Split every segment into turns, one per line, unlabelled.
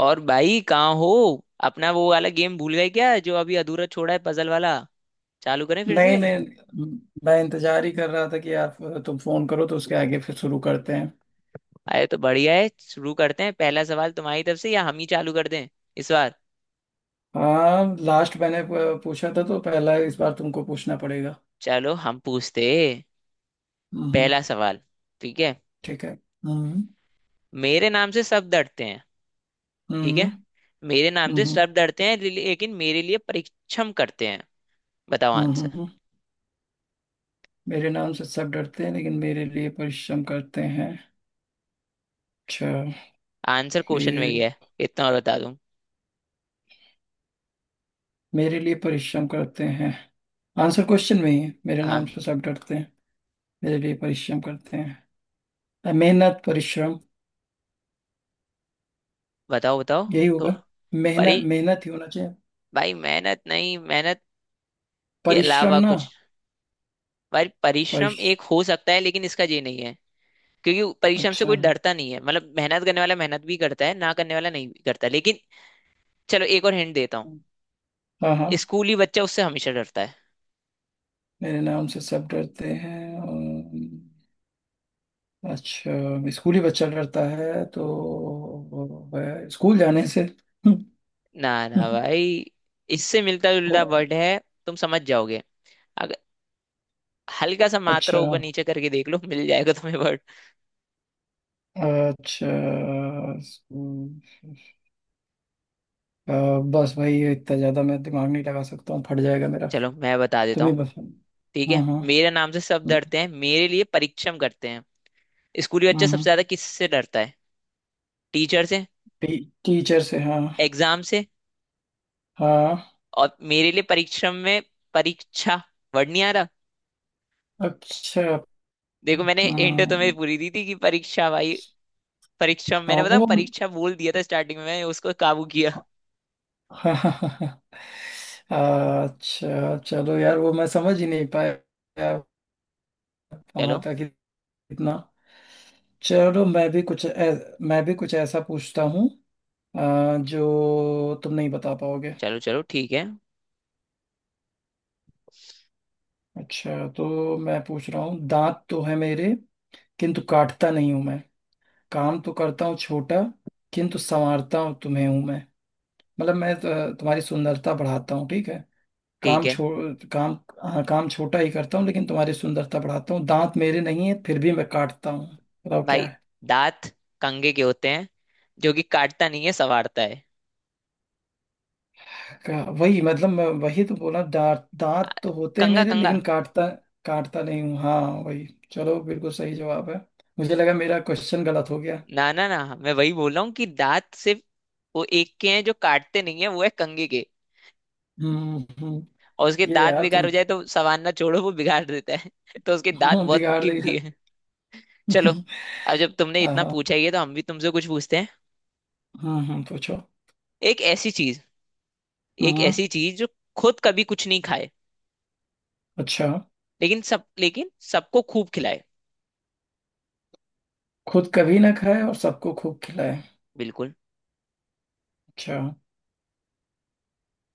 और भाई कहाँ हो। अपना वो वाला गेम भूल गए क्या, जो अभी अधूरा छोड़ा है, पजल वाला। चालू करें फिर
नहीं
से?
नहीं, मैं इंतजार ही कर रहा था कि यार तुम फोन करो तो उसके आगे फिर शुरू करते हैं।
अरे तो बढ़िया है, शुरू करते हैं। पहला सवाल तुम्हारी तरफ से या हम ही चालू कर दें इस बार?
हाँ लास्ट मैंने पूछा था तो पहला इस बार तुमको पूछना पड़ेगा।
चलो हम पूछते हैं।
हम्म।
पहला सवाल, ठीक है?
ठीक है। हम्म।
मेरे नाम से सब डरते हैं। ठीक
हम्म।
है। मेरे नाम से
हम्म।
सब डरते हैं लेकिन मेरे लिए परीक्षम करते हैं। बताओ
हम्म। हम्म।
आंसर।
हम्म। मेरे नाम से सब डरते हैं लेकिन मेरे लिए परिश्रम करते हैं। अच्छा,
आंसर क्वेश्चन में ही
ये
है, इतना और बता दूं।
मेरे लिए परिश्रम करते हैं। आंसर क्वेश्चन में ही है। मेरे नाम
हाँ,
से सब डरते हैं, मेरे लिए परिश्रम करते हैं। मेहनत, परिश्रम
बताओ बताओ।
यही होगा।
थोड़ा। परी।
मेहनत मेहनत ही होना चाहिए।
भाई, मेहनत नहीं, मेहनत के
परिश्रम
अलावा
ना?
कुछ। पर परिश्रम एक
परिश
हो सकता है लेकिन इसका ये नहीं है, क्योंकि परिश्रम से
अच्छा।
कोई डरता नहीं है। मतलब मेहनत करने वाला मेहनत भी करता है, ना करने वाला नहीं भी करता, लेकिन चलो एक और हिंट देता हूँ।
हाँ हाँ।
स्कूली बच्चा उससे हमेशा डरता है।
मेरे नाम से सब डरते हैं। अच्छा, स्कूल ही बच्चा डरता है तो वो है, स्कूल जाने से।
ना ना भाई, इससे मिलता
ओ,
जुलता वर्ड है, तुम समझ जाओगे। अगर हल्का सा मात्रा
अच्छा।
ऊपर नीचे करके देख लो, मिल जाएगा तुम्हें वर्ड।
अच्छा। स्कूल। अ, बस भाई ये इतना ज्यादा मैं दिमाग नहीं लगा सकता हूँ, फट जाएगा मेरा।
चलो मैं बता देता
तुम ही
हूँ।
बस।
ठीक
हाँ
है,
हाँ।
मेरे नाम से सब डरते हैं, मेरे लिए परिश्रम करते हैं। स्कूली बच्चा सबसे
हम्म।
ज्यादा किससे डरता है? टीचर से,
टी, टीचर से, हाँ।
एग्जाम से।
हाँ।
और मेरे लिए परिश्रम में परीक्षा वर्ड नहीं आ रहा?
अच्छा।
देखो, मैंने हिंट तुम्हें
हम्म,
पूरी दी थी कि परीक्षा भाई। परीक्षा,
हाँ
मैंने बताऊं,
वो।
परीक्षा बोल दिया था स्टार्टिंग में, मैंने उसको काबू किया।
हाँ, अच्छा चलो यार, वो मैं समझ ही नहीं पाया वहां
चलो
तक, इतना। चलो मैं भी कुछ मैं भी कुछ ऐसा पूछता हूँ, जो तुम नहीं बता पाओगे।
चलो, चलो ठीक है।
अच्छा, तो मैं पूछ रहा हूँ। दांत तो है मेरे किंतु काटता नहीं हूं मैं। काम तो करता हूँ छोटा, किंतु संवारता हूँ तुम्हें हूं मैं। मतलब मैं तुम्हारी सुंदरता बढ़ाता हूँ, ठीक है।
ठीक
काम
है
छो काम। हाँ, काम छोटा ही करता हूँ लेकिन तुम्हारी सुंदरता बढ़ाता हूँ। दांत मेरे नहीं है फिर भी मैं काटता हूँ। बताओ क्या
भाई।
है।
दांत कंघे के होते हैं, जो कि काटता नहीं है, संवारता है।
वही, मतलब मैं वही तो बोला दांत।
आ,
दांत तो होते हैं
कंघा,
मेरे
कंघा।
लेकिन काटता, काटता नहीं हूँ, हाँ वही। चलो बिल्कुल सही जवाब है। मुझे लगा मेरा क्वेश्चन गलत हो गया।
ना ना ना, मैं वही बोल रहा हूँ कि दांत सिर्फ वो एक के हैं जो काटते नहीं है, वो है कंघे के।
हम्म हम्म,
और उसके
ये
दांत
यार
बेकार
तुम।
हो जाए तो संवारना छोड़ो, वो बिगाड़ देता है तो उसके दांत
हाँ,
बहुत
बिगाड़
कीमती
देगा।
है। चलो, अब जब तुमने इतना
हाँ।
पूछा ही है तो हम भी तुमसे कुछ पूछते हैं।
पूछो।
एक ऐसी चीज, एक
हम्म।
ऐसी चीज जो खुद कभी कुछ नहीं खाए,
अच्छा।
लेकिन सब, लेकिन सबको खूब खिलाए।
खुद कभी ना खाए और सबको खूब खिलाए।
बिल्कुल।
अच्छा।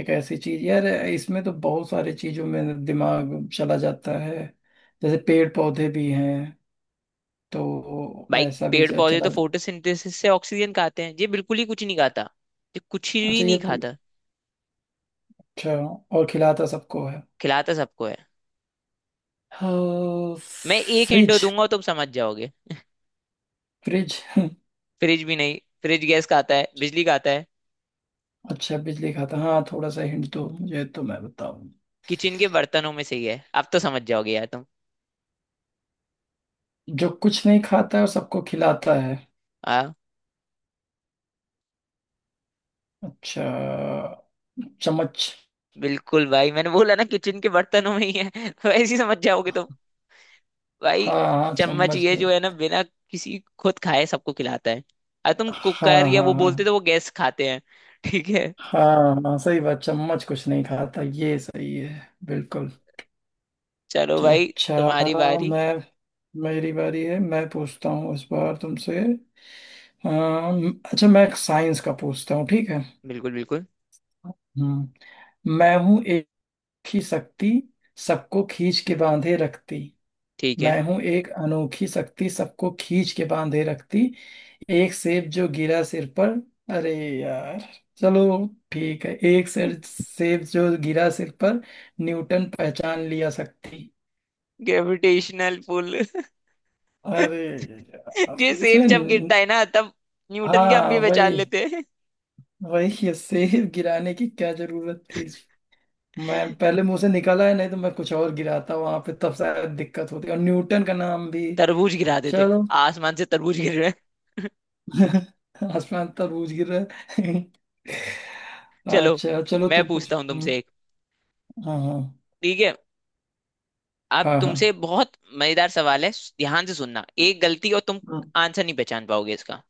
एक ऐसी चीज यार, इसमें तो बहुत सारी चीजों में दिमाग चला जाता है। जैसे पेड़ पौधे भी हैं तो
भाई,
वैसा भी
पेड़ पौधे तो
चला।
फोटोसिंथेसिस से ऑक्सीजन खाते हैं, ये बिल्कुल ही कुछ नहीं खाता। ये कुछ भी
अच्छा। ये
नहीं खाता।
अच्छा। और खिलाता सबको है,
खिलाता सबको है।
हाँ,
मैं एक हिंट
फ्रिज।
दूंगा, तुम समझ जाओगे।
फ्रिज।
फ्रिज भी नहीं, फ्रिज गैस खाता है, बिजली खाता है।
अच्छा, बिजली खाता, हाँ थोड़ा सा हिंट दो मुझे तो मैं बताऊं।
किचन के बर्तनों में से ही है, अब तो समझ जाओगे यार तुम।
जो कुछ नहीं खाता है और सबको खिलाता है।
हाँ।
अच्छा। चम्मच।
बिल्कुल भाई, मैंने बोला ना, किचन के बर्तनों में ही है वैसे ही समझ जाओगे तुम। भाई,
हाँ हाँ,
चम्मच
चम्मच।
ये जो है ना, बिना किसी खुद खाए सबको खिलाता है। अब तुम
हाँ
कुकर या
हाँ
वो
हाँ
बोलते तो वो गैस खाते हैं। ठीक है।
हाँ, हाँ सही बात, चम्मच कुछ नहीं खाता, ये सही है बिल्कुल।
चलो भाई,
अच्छा।
तुम्हारी बारी।
मैं, मेरी बारी है। मैं पूछता हूँ इस बार तुमसे। अच्छा, मैं एक साइंस का पूछता हूँ, ठीक है।
बिल्कुल बिल्कुल,
हम्म। मैं हूँ एक ही शक्ति, सबको खींच के बांधे रखती।
ठीक है।
मैं हूं एक अनोखी शक्ति, सबको खींच के बांधे रखती। एक सेब जो गिरा सिर पर। अरे यार। चलो, ठीक है, एक सेर सेब जो गिरा सिर पर, न्यूटन पहचान लिया शक्ति।
Gravitational pull.
अरे
ये
यार,
सेब
इसमें
जब गिरता है ना, तब न्यूटन के हम
हाँ
भी पहचान
वही
लेते हैं।
वही, ये सेब गिराने की क्या जरूरत थी। मैं पहले मुंह से निकला है, नहीं तो मैं कुछ और गिराता वहां पे, तब शायद दिक्कत होती और न्यूटन का नाम भी।
तरबूज गिरा देते।
चलो।
आसमान से तरबूज गिर रहे हैं।
आसमान तरबूज गिर रहा है।
चलो,
अच्छा चलो
मैं
तुम
पूछता हूँ
पूछो।
तुमसे एक।
हाँ हाँ।
ठीक है, अब
हाँ
तुमसे
हाँ।
बहुत मजेदार सवाल है, ध्यान से सुनना, एक गलती और तुम
हम्म,
आंसर नहीं पहचान पाओगे इसका।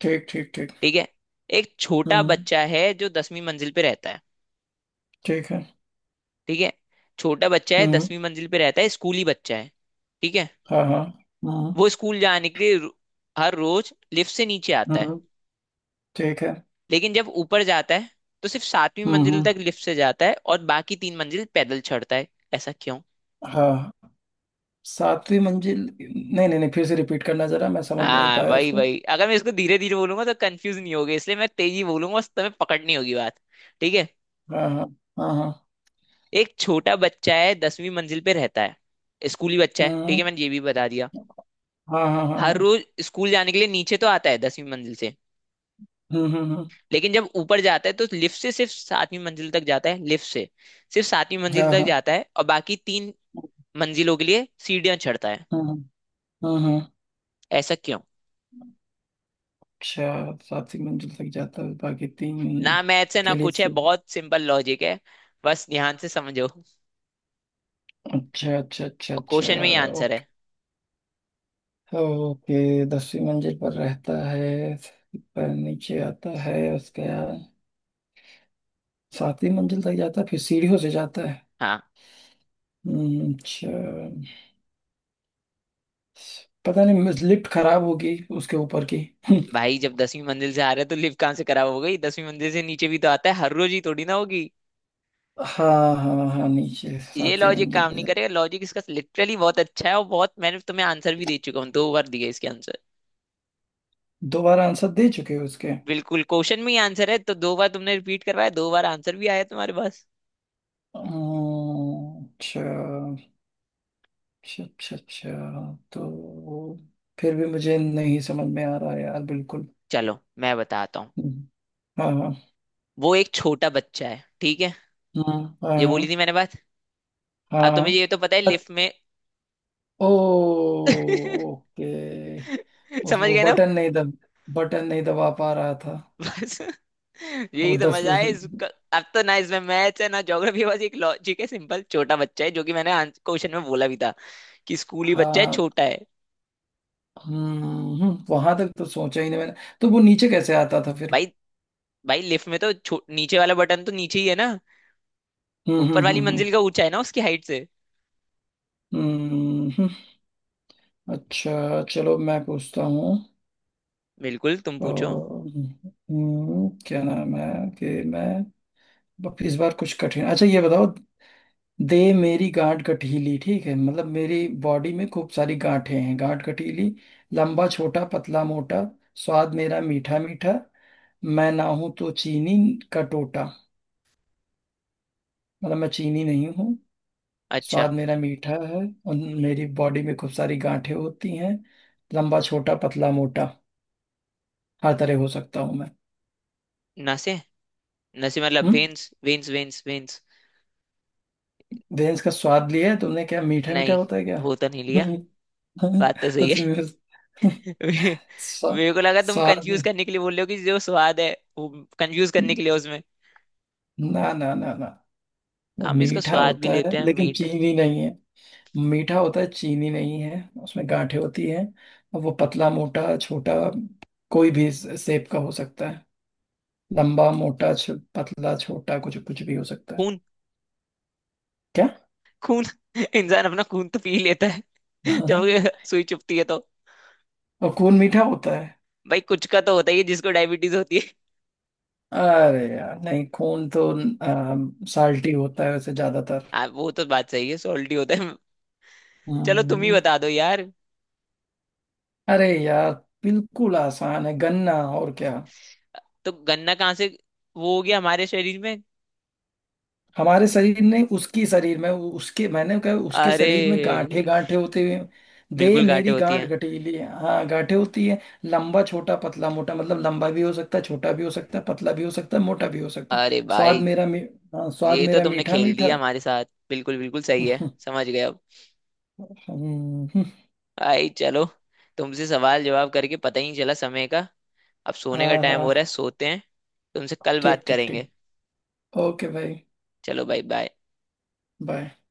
ठीक ठीक ठीक।
ठीक है? एक छोटा
हम्म।
बच्चा है जो दसवीं मंजिल पे रहता है।
ठीक है।
ठीक है? छोटा बच्चा है,
हम्म।
दसवीं मंजिल पे रहता है, स्कूली बच्चा है। ठीक है?
हाँ हाँ। हम्म
वो स्कूल जाने के लिए हर रोज लिफ्ट से नीचे आता है।
हम्म। ठीक है।
लेकिन जब ऊपर जाता है तो सिर्फ सातवीं मंजिल
हम्म।
तक लिफ्ट से जाता है, और बाकी तीन मंजिल पैदल चढ़ता है। ऐसा क्यों?
हाँ। सातवीं मंजिल, नहीं नहीं नहीं, फिर से रिपीट करना जरा, मैं समझ नहीं
हाँ
पाया
वही
इसको।
वही, अगर मैं इसको धीरे धीरे बोलूंगा तो कंफ्यूज नहीं होगे, इसलिए मैं तेजी बोलूंगा, तुम्हें पकड़नी होगी बात। ठीक है?
हाँ हाँ हाँ हाँ।
एक छोटा बच्चा है, दसवीं मंजिल पे रहता है, स्कूली बच्चा है, ठीक
हम्म।
है, मैंने ये भी बता दिया।
हाँ हाँ हाँ
हर
हाँ।
रोज स्कूल जाने के लिए नीचे तो आता है दसवीं मंजिल से।
हम्म हम्म हम्म,
लेकिन जब ऊपर जाता है तो लिफ्ट से सिर्फ सातवीं मंजिल तक जाता है, लिफ्ट से सिर्फ सातवीं मंजिल
हाँ
तक
हाँ।
जाता है, और बाकी तीन मंजिलों के लिए सीढ़ियां चढ़ता है।
हम्म हम्म हम्म, हम्म।
ऐसा क्यों?
अच्छा, सातवीं मंजिल तक जाता है बाकी तीन
ना मैथ्स है ना
के लिए
कुछ है, बहुत सिंपल लॉजिक है। बस ध्यान से समझो, और
अच्छा अच्छा अच्छा अच्छा।
क्वेश्चन में ही आंसर है।
ओके, दसवीं मंजिल पर रहता है पर नीचे आता है। उसके बाद सातवीं मंजिल तक जाता है, फिर सीढ़ियों से जाता है।
हाँ।
अच्छा। पता नहीं लिफ्ट खराब होगी उसके ऊपर की।
भाई, जब दसवीं मंजिल से आ रहा है तो लिफ्ट कहाँ से खराब हो गई? दसवीं मंजिल से नीचे भी तो आता है हर रोज, ही थोड़ी ना होगी।
हाँ हाँ हाँ, नीचे
ये
सातवीं
लॉजिक
मंजिल
काम
पे
नहीं
जाता।
करेगा, लॉजिक इसका लिटरली बहुत अच्छा है। और बहुत मैंने तुम्हें आंसर भी दे चुका हूँ, दो बार दिए इसके आंसर।
दोबारा आंसर दे चुके हो उसके।
बिल्कुल, क्वेश्चन में ही आंसर है, तो दो बार तुमने रिपीट करवाया, दो बार आंसर भी आया तुम्हारे पास।
अच्छा अच्छा अच्छा अच्छा। तो फिर भी मुझे नहीं समझ में आ रहा है यार, बिल्कुल।
चलो मैं बताता हूँ।
हम्म, हाँ हाँ।
वो एक छोटा बच्चा है, ठीक है? ये बोली
हाँ
थी मैंने बात।
हाँ
अब तुम्हें
हाँ।
ये तो पता है लिफ्ट में।
ओ। ओके। उस
समझ
वो
गए ना?
बटन नहीं दब बटन नहीं दबा पा रहा था,
बस
वो
यही तो
दस
मजा है
परसेंट।
इसका। अब तो ना इसमें मैथ्स है ना ज्योग्राफी, बस एक लॉजिक है सिंपल, छोटा बच्चा है, जो कि मैंने क्वेश्चन में बोला भी था कि स्कूली बच्चा है,
हाँ।
छोटा है।
हम्म, वहां तक तो सोचा ही नहीं मैंने। तो वो नीचे कैसे आता था फिर।
भाई, भाई लिफ्ट में तो नीचे वाला बटन तो नीचे ही है ना,
हम्म हम्म
ऊपर वाली
हम्म हम्म
मंजिल का ऊंचा है ना उसकी हाइट से।
हम्म, हम्म। हम्म। अच्छा चलो मैं पूछता हूँ।
बिल्कुल, तुम पूछो।
क्या नाम है कि मैं अब इस बार कुछ कठिन, अच्छा ये बताओ। दे मेरी गांठ गठीली, ठीक है मतलब मेरी बॉडी में खूब सारी गांठें हैं। गांठ गठीली। लंबा छोटा पतला मोटा। स्वाद मेरा मीठा मीठा। मैं ना हूं तो चीनी का टोटा। मतलब मैं चीनी नहीं हूँ। स्वाद
अच्छा।
मेरा मीठा है। और मेरी बॉडी में खूब सारी गांठें होती हैं। लंबा छोटा पतला मोटा, हर तरह हो सकता हूँ मैं।
नसें। नसें मतलब
हम्म।
Veins veins veins veins.
Range का स्वाद लिया है तुमने क्या? मीठा मीठा
नहीं,
होता है क्या?
वो तो नहीं लिया।
हम्म,
बात तो
तो
सही है।
तुम्हें
मे-
स्वा-
मेरे को लगा तुम कंफ्यूज
स्वाद।
करने के लिए बोल रहे हो कि जो स्वाद है, वो कंफ्यूज करने के लिए उसमें।
ना ना ना ना, वो
हम इसका
मीठा
स्वाद भी
होता है
लेते हैं
लेकिन
मीट।
चीनी नहीं है। मीठा होता है चीनी नहीं है, उसमें गांठें होती हैं, और वो पतला मोटा छोटा कोई भी सेप का हो सकता है। लंबा मोटा पतला छोटा, कुछ कुछ भी हो सकता है।
खून।
क्या?
खून। इंसान अपना खून तो पी ही लेता है
हाँ
जब
हाँ।
ये सुई चुभती है तो।
और खून मीठा होता है?
भाई कुछ का तो होता ही है, जिसको डायबिटीज होती है।
अरे यार नहीं, खून तो साल्टी होता है वैसे ज्यादातर।
वो तो बात सही है, सॉल्टी होता है। चलो तुम ही
हम्म,
बता दो यार।
अरे यार बिल्कुल आसान है, गन्ना, और क्या।
तो गन्ना कहाँ से वो हो गया हमारे शरीर में?
हमारे शरीर ने, उसकी शरीर में, उसके, मैंने कहा उसके
अरे
शरीर में गांठे गांठे होते हुए, दे
बिल्कुल, गांठें
मेरी
होती
गांठ
हैं।
गठीली है, हाँ गांठे होती है। लंबा छोटा पतला मोटा, मतलब लंबा भी हो सकता है छोटा भी हो सकता है पतला भी हो सकता है मोटा भी हो सकता है।
अरे
स्वाद
भाई,
मेरा हाँ, स्वाद
ये तो
मेरा
तुमने
मीठा
खेल दिया
मीठा।
हमारे साथ। बिल्कुल बिल्कुल सही है, समझ गए अब।
हम्म,
भाई चलो, तुमसे सवाल जवाब करके पता ही नहीं चला समय का। अब सोने का
हाँ
टाइम
हाँ।
हो रहा है, सोते हैं। तुमसे कल
ठीक
बात
ठीक
करेंगे।
ठीक। ओके भाई।
चलो भाई, बाय।
बाय।